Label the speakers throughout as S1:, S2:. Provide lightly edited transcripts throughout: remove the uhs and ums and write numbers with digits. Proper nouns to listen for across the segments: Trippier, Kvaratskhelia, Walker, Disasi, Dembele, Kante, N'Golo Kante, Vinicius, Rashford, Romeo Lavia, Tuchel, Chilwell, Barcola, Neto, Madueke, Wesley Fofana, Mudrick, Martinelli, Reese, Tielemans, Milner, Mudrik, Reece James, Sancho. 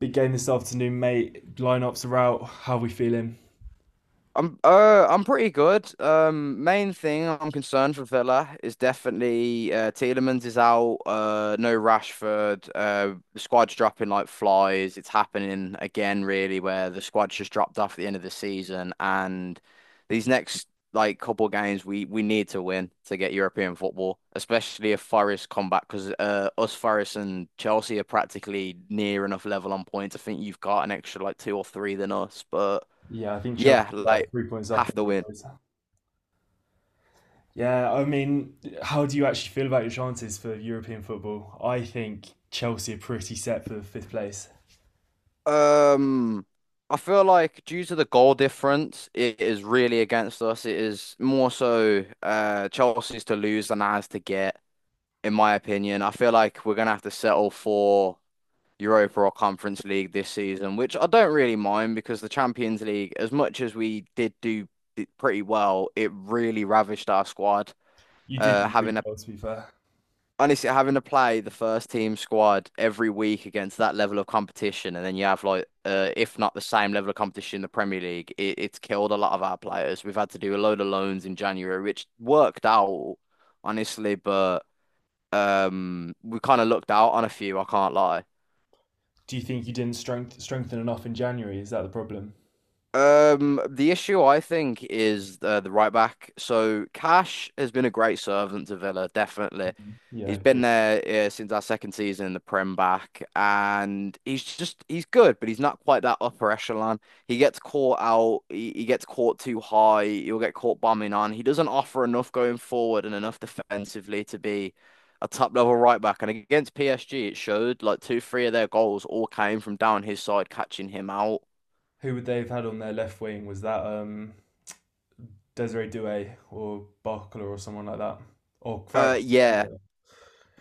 S1: Big game this afternoon, mate. Lineups are out. How are we feeling?
S2: I'm pretty good. Main thing I'm concerned for Villa is definitely Tielemans is out. No Rashford. The squad's dropping like flies. It's happening again, really, where the squad's just dropped off at the end of the season. And these next like couple games, we need to win to get European football, especially if Forest come back because us Forest and Chelsea are practically near enough level on points. I think you've got an extra like two or three than us, but.
S1: Yeah, I think Chelsea
S2: Yeah,
S1: are about
S2: like
S1: 3 points up
S2: have to
S1: on you
S2: win.
S1: boys. Yeah, I mean, how do you actually feel about your chances for European football? I think Chelsea are pretty set for fifth place.
S2: Um, I feel like due to the goal difference, it is really against us. It is more so Chelsea's to lose than ours to get, in my opinion. I feel like we're gonna have to settle for Europa or Conference League this season, which I don't really mind because the Champions League, as much as we did do pretty well, it really ravished our squad.
S1: You did do really
S2: Having
S1: well, to be fair.
S2: Honestly, having to play the first team squad every week against that level of competition, and then you have like, if not the same level of competition in the Premier League, it's killed a lot of our players. We've had to do a load of loans in January, which worked out, honestly, but we kind of looked out on a few, I can't lie.
S1: Do you think you didn't strengthen enough in January? Is that the problem?
S2: The issue I think is the right back. So Cash has been a great servant to Villa, definitely.
S1: Mm-hmm. Yeah, I
S2: He's been
S1: agree.
S2: there since our second season in the Prem back, and he's just he's good, but he's not quite that upper echelon. He gets caught out, he gets caught too high, he'll get caught bombing on. He doesn't offer enough going forward and enough defensively to be a top level right back. And against PSG, it showed like two, three of their goals all came from down his side, catching him out.
S1: Who would they have had on their left wing? Was that Desiree Douay or Barcola or someone like that? Or
S2: Uh,
S1: Farage?
S2: yeah.
S1: Yeah.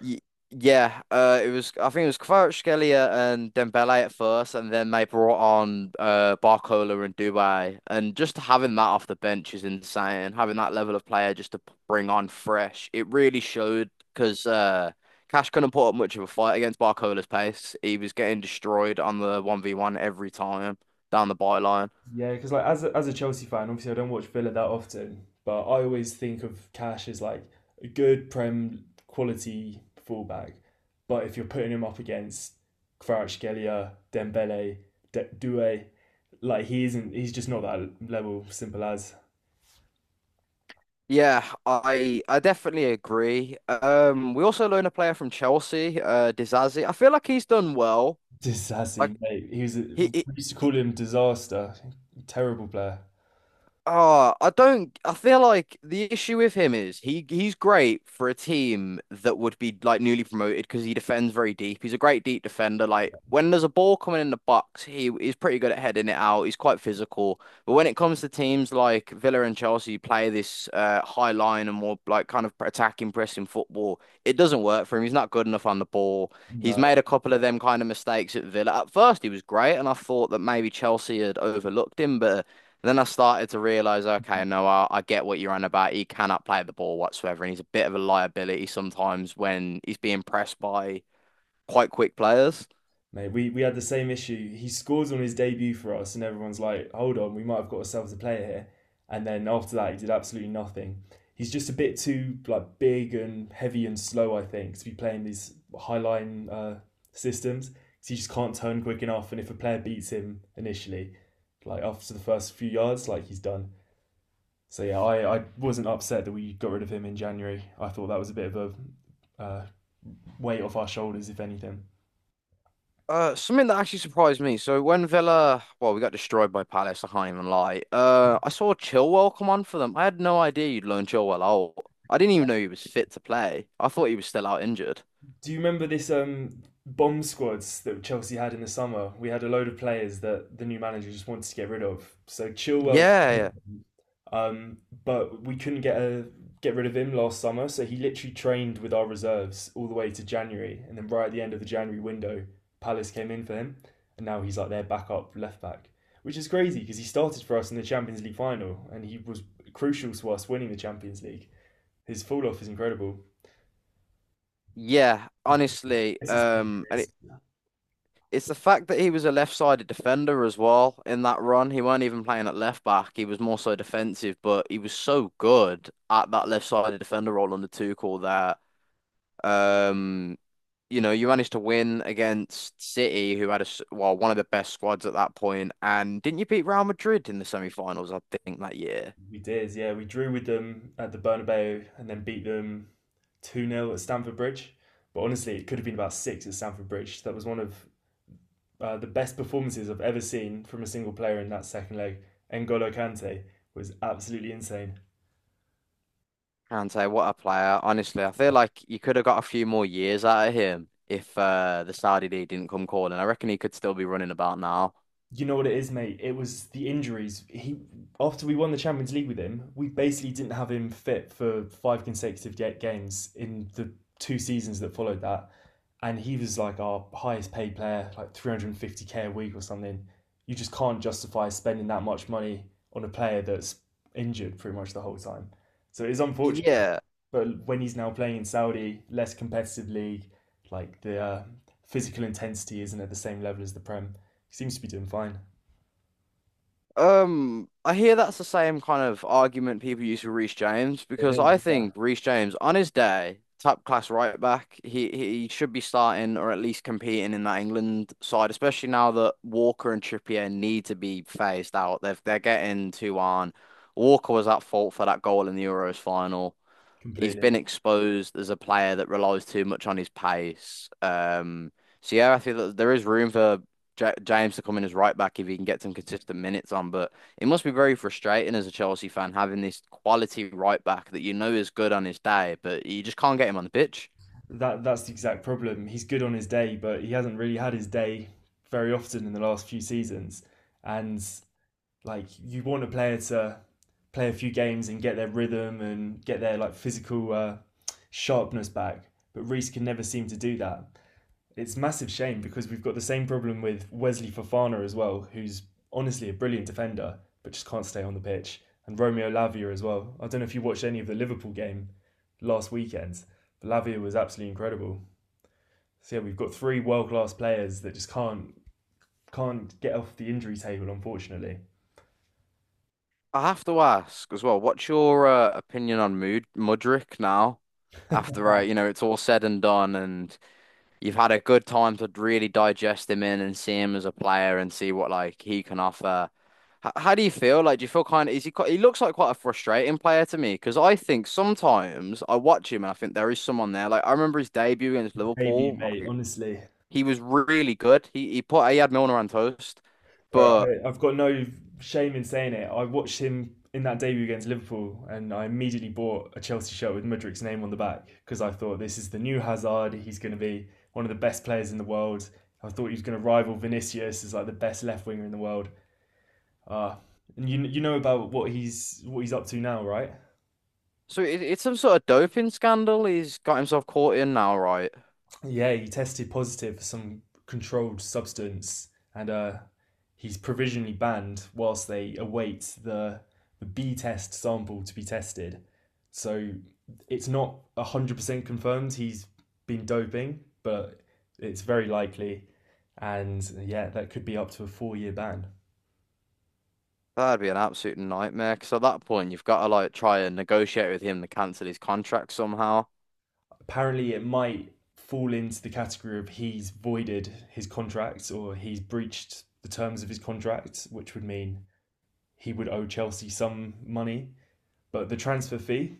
S2: Y yeah, it was. I think it was Kvaratskhelia and Dembele at first, and then they brought on Barcola and Dubai, and just having that off the bench is insane. Having that level of player just to bring on fresh, it really showed because Cash couldn't put up much of a fight against Barcola's pace. He was getting destroyed on the one v one every time down the byline.
S1: Yeah, because like as a Chelsea fan, obviously I don't watch Villa that often, but I always think of Cash as like a good Prem quality fullback. But if you're putting him up against Kvaratskhelia, Dembele, Doué, like he isn't. He's just not that level. Simple as.
S2: Yeah, I definitely agree. We also loaned a player from Chelsea, Disasi. I feel like he's done well. Like
S1: Disasi, mate. He was.
S2: He, he,
S1: We used to
S2: he-
S1: call him disaster, terrible player.
S2: I don't. I feel like the issue with him is he's great for a team that would be like newly promoted because he defends very deep. He's a great deep defender. Like when there's a ball coming in the box, he's pretty good at heading it out. He's quite physical. But when it comes to teams like Villa and Chelsea, who play this high line and more like kind of attacking, pressing football. It doesn't work for him. He's not good enough on the ball. He's
S1: No.
S2: made a couple of them kind of mistakes at Villa. At first, he was great, and I thought that maybe Chelsea had overlooked him, but. Then I started to realize, okay, no, I get what you're on about. He cannot play the ball whatsoever, and he's a bit of a liability sometimes when he's being pressed by quite quick players.
S1: Mate, we had the same issue. He scores on his debut for us, and everyone's like, hold on, we might have got ourselves a player here. And then after that, he did absolutely nothing. He's just a bit too like big and heavy and slow, I think, to be playing these high line systems. 'Cause he just can't turn quick enough, and if a player beats him initially, like after the first few yards, like he's done. So yeah, I wasn't upset that we got rid of him in January. I thought that was a bit of a uh, weight off our shoulders, if anything.
S2: Something that actually surprised me. So when Villa, well, we got destroyed by Palace. I can't even lie. I saw Chilwell come on for them. I had no idea you'd loan Chilwell out. I didn't even know he was fit to play. I thought he was still out injured.
S1: Do you remember this bomb squads that Chelsea had in the summer? We had a load of players that the new manager just wanted to get rid of. So Chilwell,
S2: Yeah, yeah,
S1: um, but we couldn't get rid of him last summer. So he literally trained with our reserves all the way to January, and then right at the end of the January window, Palace came in for him, and now he's like their backup left back, which is crazy because he started for us in the Champions League final, and he was crucial to us winning the Champions League. His fall off is incredible.
S2: yeah.
S1: I guess it's,
S2: Honestly,
S1: I guess it's the
S2: and
S1: injuries.
S2: it's the fact that he was a left-sided defender as well in that run. He weren't even playing at left back. He was more so defensive, but he was so good at that left-sided defender role on the Tuchel there. Um, you know, you managed to win against City, who had a well one of the best squads at that point. And didn't you beat Real Madrid in the semi-finals? I think that year.
S1: We did, yeah. We drew with them at the Bernabeu and then beat them 2 nil at Stamford Bridge. But honestly, it could have been about six at Stamford Bridge. That was one of the best performances I've ever seen from a single player in that second leg. N'Golo Kante was absolutely insane.
S2: Kante, what a player! Honestly, I feel like you could have got a few more years out of him if the Saudi league didn't come calling. I reckon he could still be running about now.
S1: You know what it is, mate? It was the injuries. He After we won the Champions League with him, we basically didn't have him fit for five consecutive games in the two seasons that followed that, and he was like our highest paid player, like 350K a week or something. You just can't justify spending that much money on a player that's injured pretty much the whole time. So it is unfortunate,
S2: Yeah.
S1: but when he's now playing in Saudi, less competitive league, like the physical intensity isn't at the same level as the Prem. He seems to be doing fine.
S2: I hear that's the same kind of argument people use for Reece James
S1: It
S2: because
S1: is,
S2: I
S1: yeah.
S2: think Reece James, on his day, top class right back, he should be starting or at least competing in that England side, especially now that Walker and Trippier need to be phased out. They're getting too on. Walker was at fault for that goal in the Euros final. He's been
S1: Completely.
S2: exposed as a player that relies too much on his pace. So yeah, I think that there is room for J James to come in as right back if he can get some consistent minutes on. But it must be very frustrating as a Chelsea fan having this quality right back that you know is good on his day, but you just can't get him on the pitch.
S1: That's the exact problem. He's good on his day, but he hasn't really had his day very often in the last few seasons. And like you want a player to play a few games and get their rhythm and get their like physical sharpness back, but Reese can never seem to do that. It's massive shame because we've got the same problem with Wesley Fofana as well, who's honestly a brilliant defender but just can't stay on the pitch, and Romeo Lavia as well. I don't know if you watched any of the Liverpool game last weekend, but Lavia was absolutely incredible. So yeah, we've got three world class players that just can't get off the injury table, unfortunately.
S2: I have to ask as well, what's your opinion on Mud Mudrick now? After you know it's all said and done, and you've had a good time to really digest him in and see him as a player and see what like he can offer. H- how do you feel? Like, do you feel kind of, is he quite, he looks like quite a frustrating player to me because I think sometimes I watch him and I think there is someone there. Like, I remember his debut against
S1: Debut,
S2: Liverpool.
S1: mate.
S2: Like,
S1: Honestly,
S2: he was really good. He had Milner on toast,
S1: bro,
S2: but
S1: I've got no shame in saying it. I watched him in that debut against Liverpool, and I immediately bought a Chelsea shirt with Mudrik's name on the back because I thought this is the new Hazard. He's going to be one of the best players in the world. I thought he was going to rival Vinicius as like the best left winger in the world. Uh, and you know about what he's up to now, right?
S2: so it's some sort of doping scandal he's got himself caught in now, right?
S1: Yeah, he tested positive for some controlled substance, and he's provisionally banned whilst they await the B test sample to be tested. So it's not 100% confirmed he's been doping, but it's very likely, and yeah, that could be up to a 4-year ban.
S2: That'd be an absolute nightmare because at that point you've got to like try and negotiate with him to cancel his contract somehow.
S1: Apparently, it might fall into the category of he's voided his contract or he's breached the terms of his contract, which would mean he would owe Chelsea some money. But the transfer fee,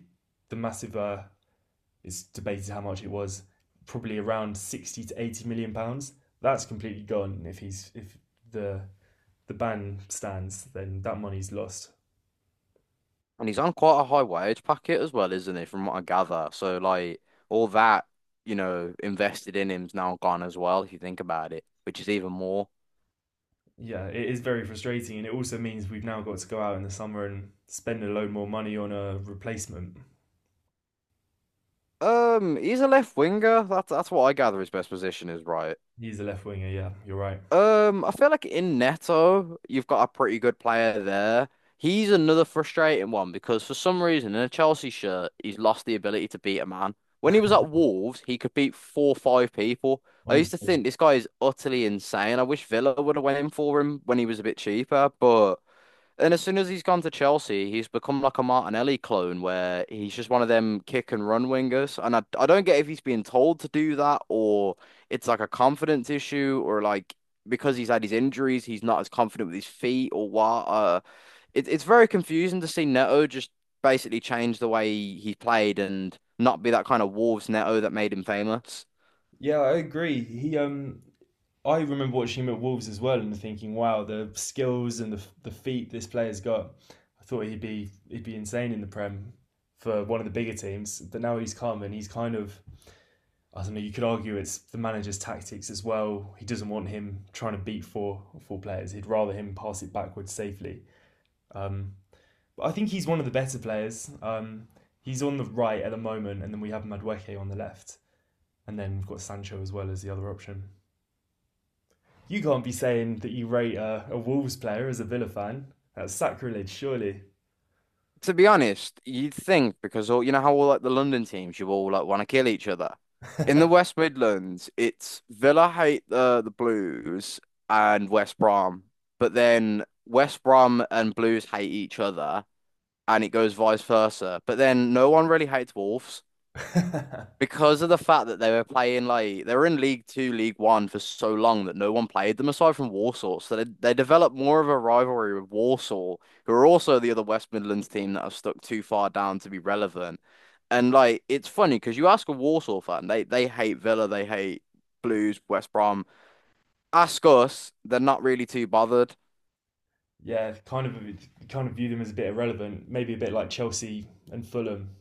S1: the massive, is debated how much it was, probably around 60 to £80 million. That's completely gone if he's if the the ban stands, then that money's lost.
S2: And he's on quite a high wage packet as well, isn't he, from what I gather? So, like, all that, you know, invested in him's now gone as well, if you think about it, which is even more.
S1: Yeah, it is very frustrating, and it also means we've now got to go out in the summer and spend a load more money on a replacement.
S2: He's a left winger. That's what I gather his best position is, right?
S1: He's a left winger, yeah, you're right.
S2: I feel like in Neto, you've got a pretty good player there. He's another frustrating one because for some reason in a Chelsea shirt, he's lost the ability to beat a man. When he was at Wolves, he could beat four or five people. I used to
S1: Honestly,
S2: think this guy is utterly insane. I wish Villa would have went in for him when he was a bit cheaper, but and as soon as he's gone to Chelsea, he's become like a Martinelli clone where he's just one of them kick and run wingers. And I don't get if he's being told to do that or it's like a confidence issue or like because he's had his injuries, he's not as confident with his feet or what. It's very confusing to see Neto just basically change the way he played and not be that kind of Wolves Neto that made him famous.
S1: yeah, I agree. He I remember watching him at Wolves as well and thinking, wow, the skills and the feet this player's got. I thought he'd be insane in the Prem for one of the bigger teams, but now he's come and he's kind of, I don't know. You could argue it's the manager's tactics as well. He doesn't want him trying to beat four players. He'd rather him pass it backwards safely. Um, but I think he's one of the better players. He's on the right at the moment, and then we have Madueke on the left, and then we've got Sancho as well as the other option. You can't be saying that you rate a Wolves player as a Villa fan. That's sacrilege, surely.
S2: To be honest, you'd think because all you know how all like the London teams, you all like want to kill each other. In the West Midlands, it's Villa hate the Blues and West Brom, but then West Brom and Blues hate each other, and it goes vice versa. But then no one really hates Wolves
S1: Yeah,
S2: because of the fact that they were playing like they were in League Two, League One for so long that no one played them aside from Warsaw. So they developed more of a rivalry with Warsaw, who are also the other West Midlands team that have stuck too far down to be relevant. And like it's funny because you ask a Warsaw fan, they hate Villa, they hate Blues, West Brom. Ask us, they're not really too bothered.
S1: kind of kind of view them as a bit irrelevant, maybe a bit like Chelsea and Fulham.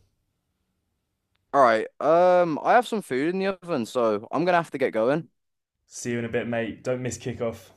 S2: All right, I have some food in the oven, so I'm gonna have to get going.
S1: See you in a bit, mate. Don't miss kickoff.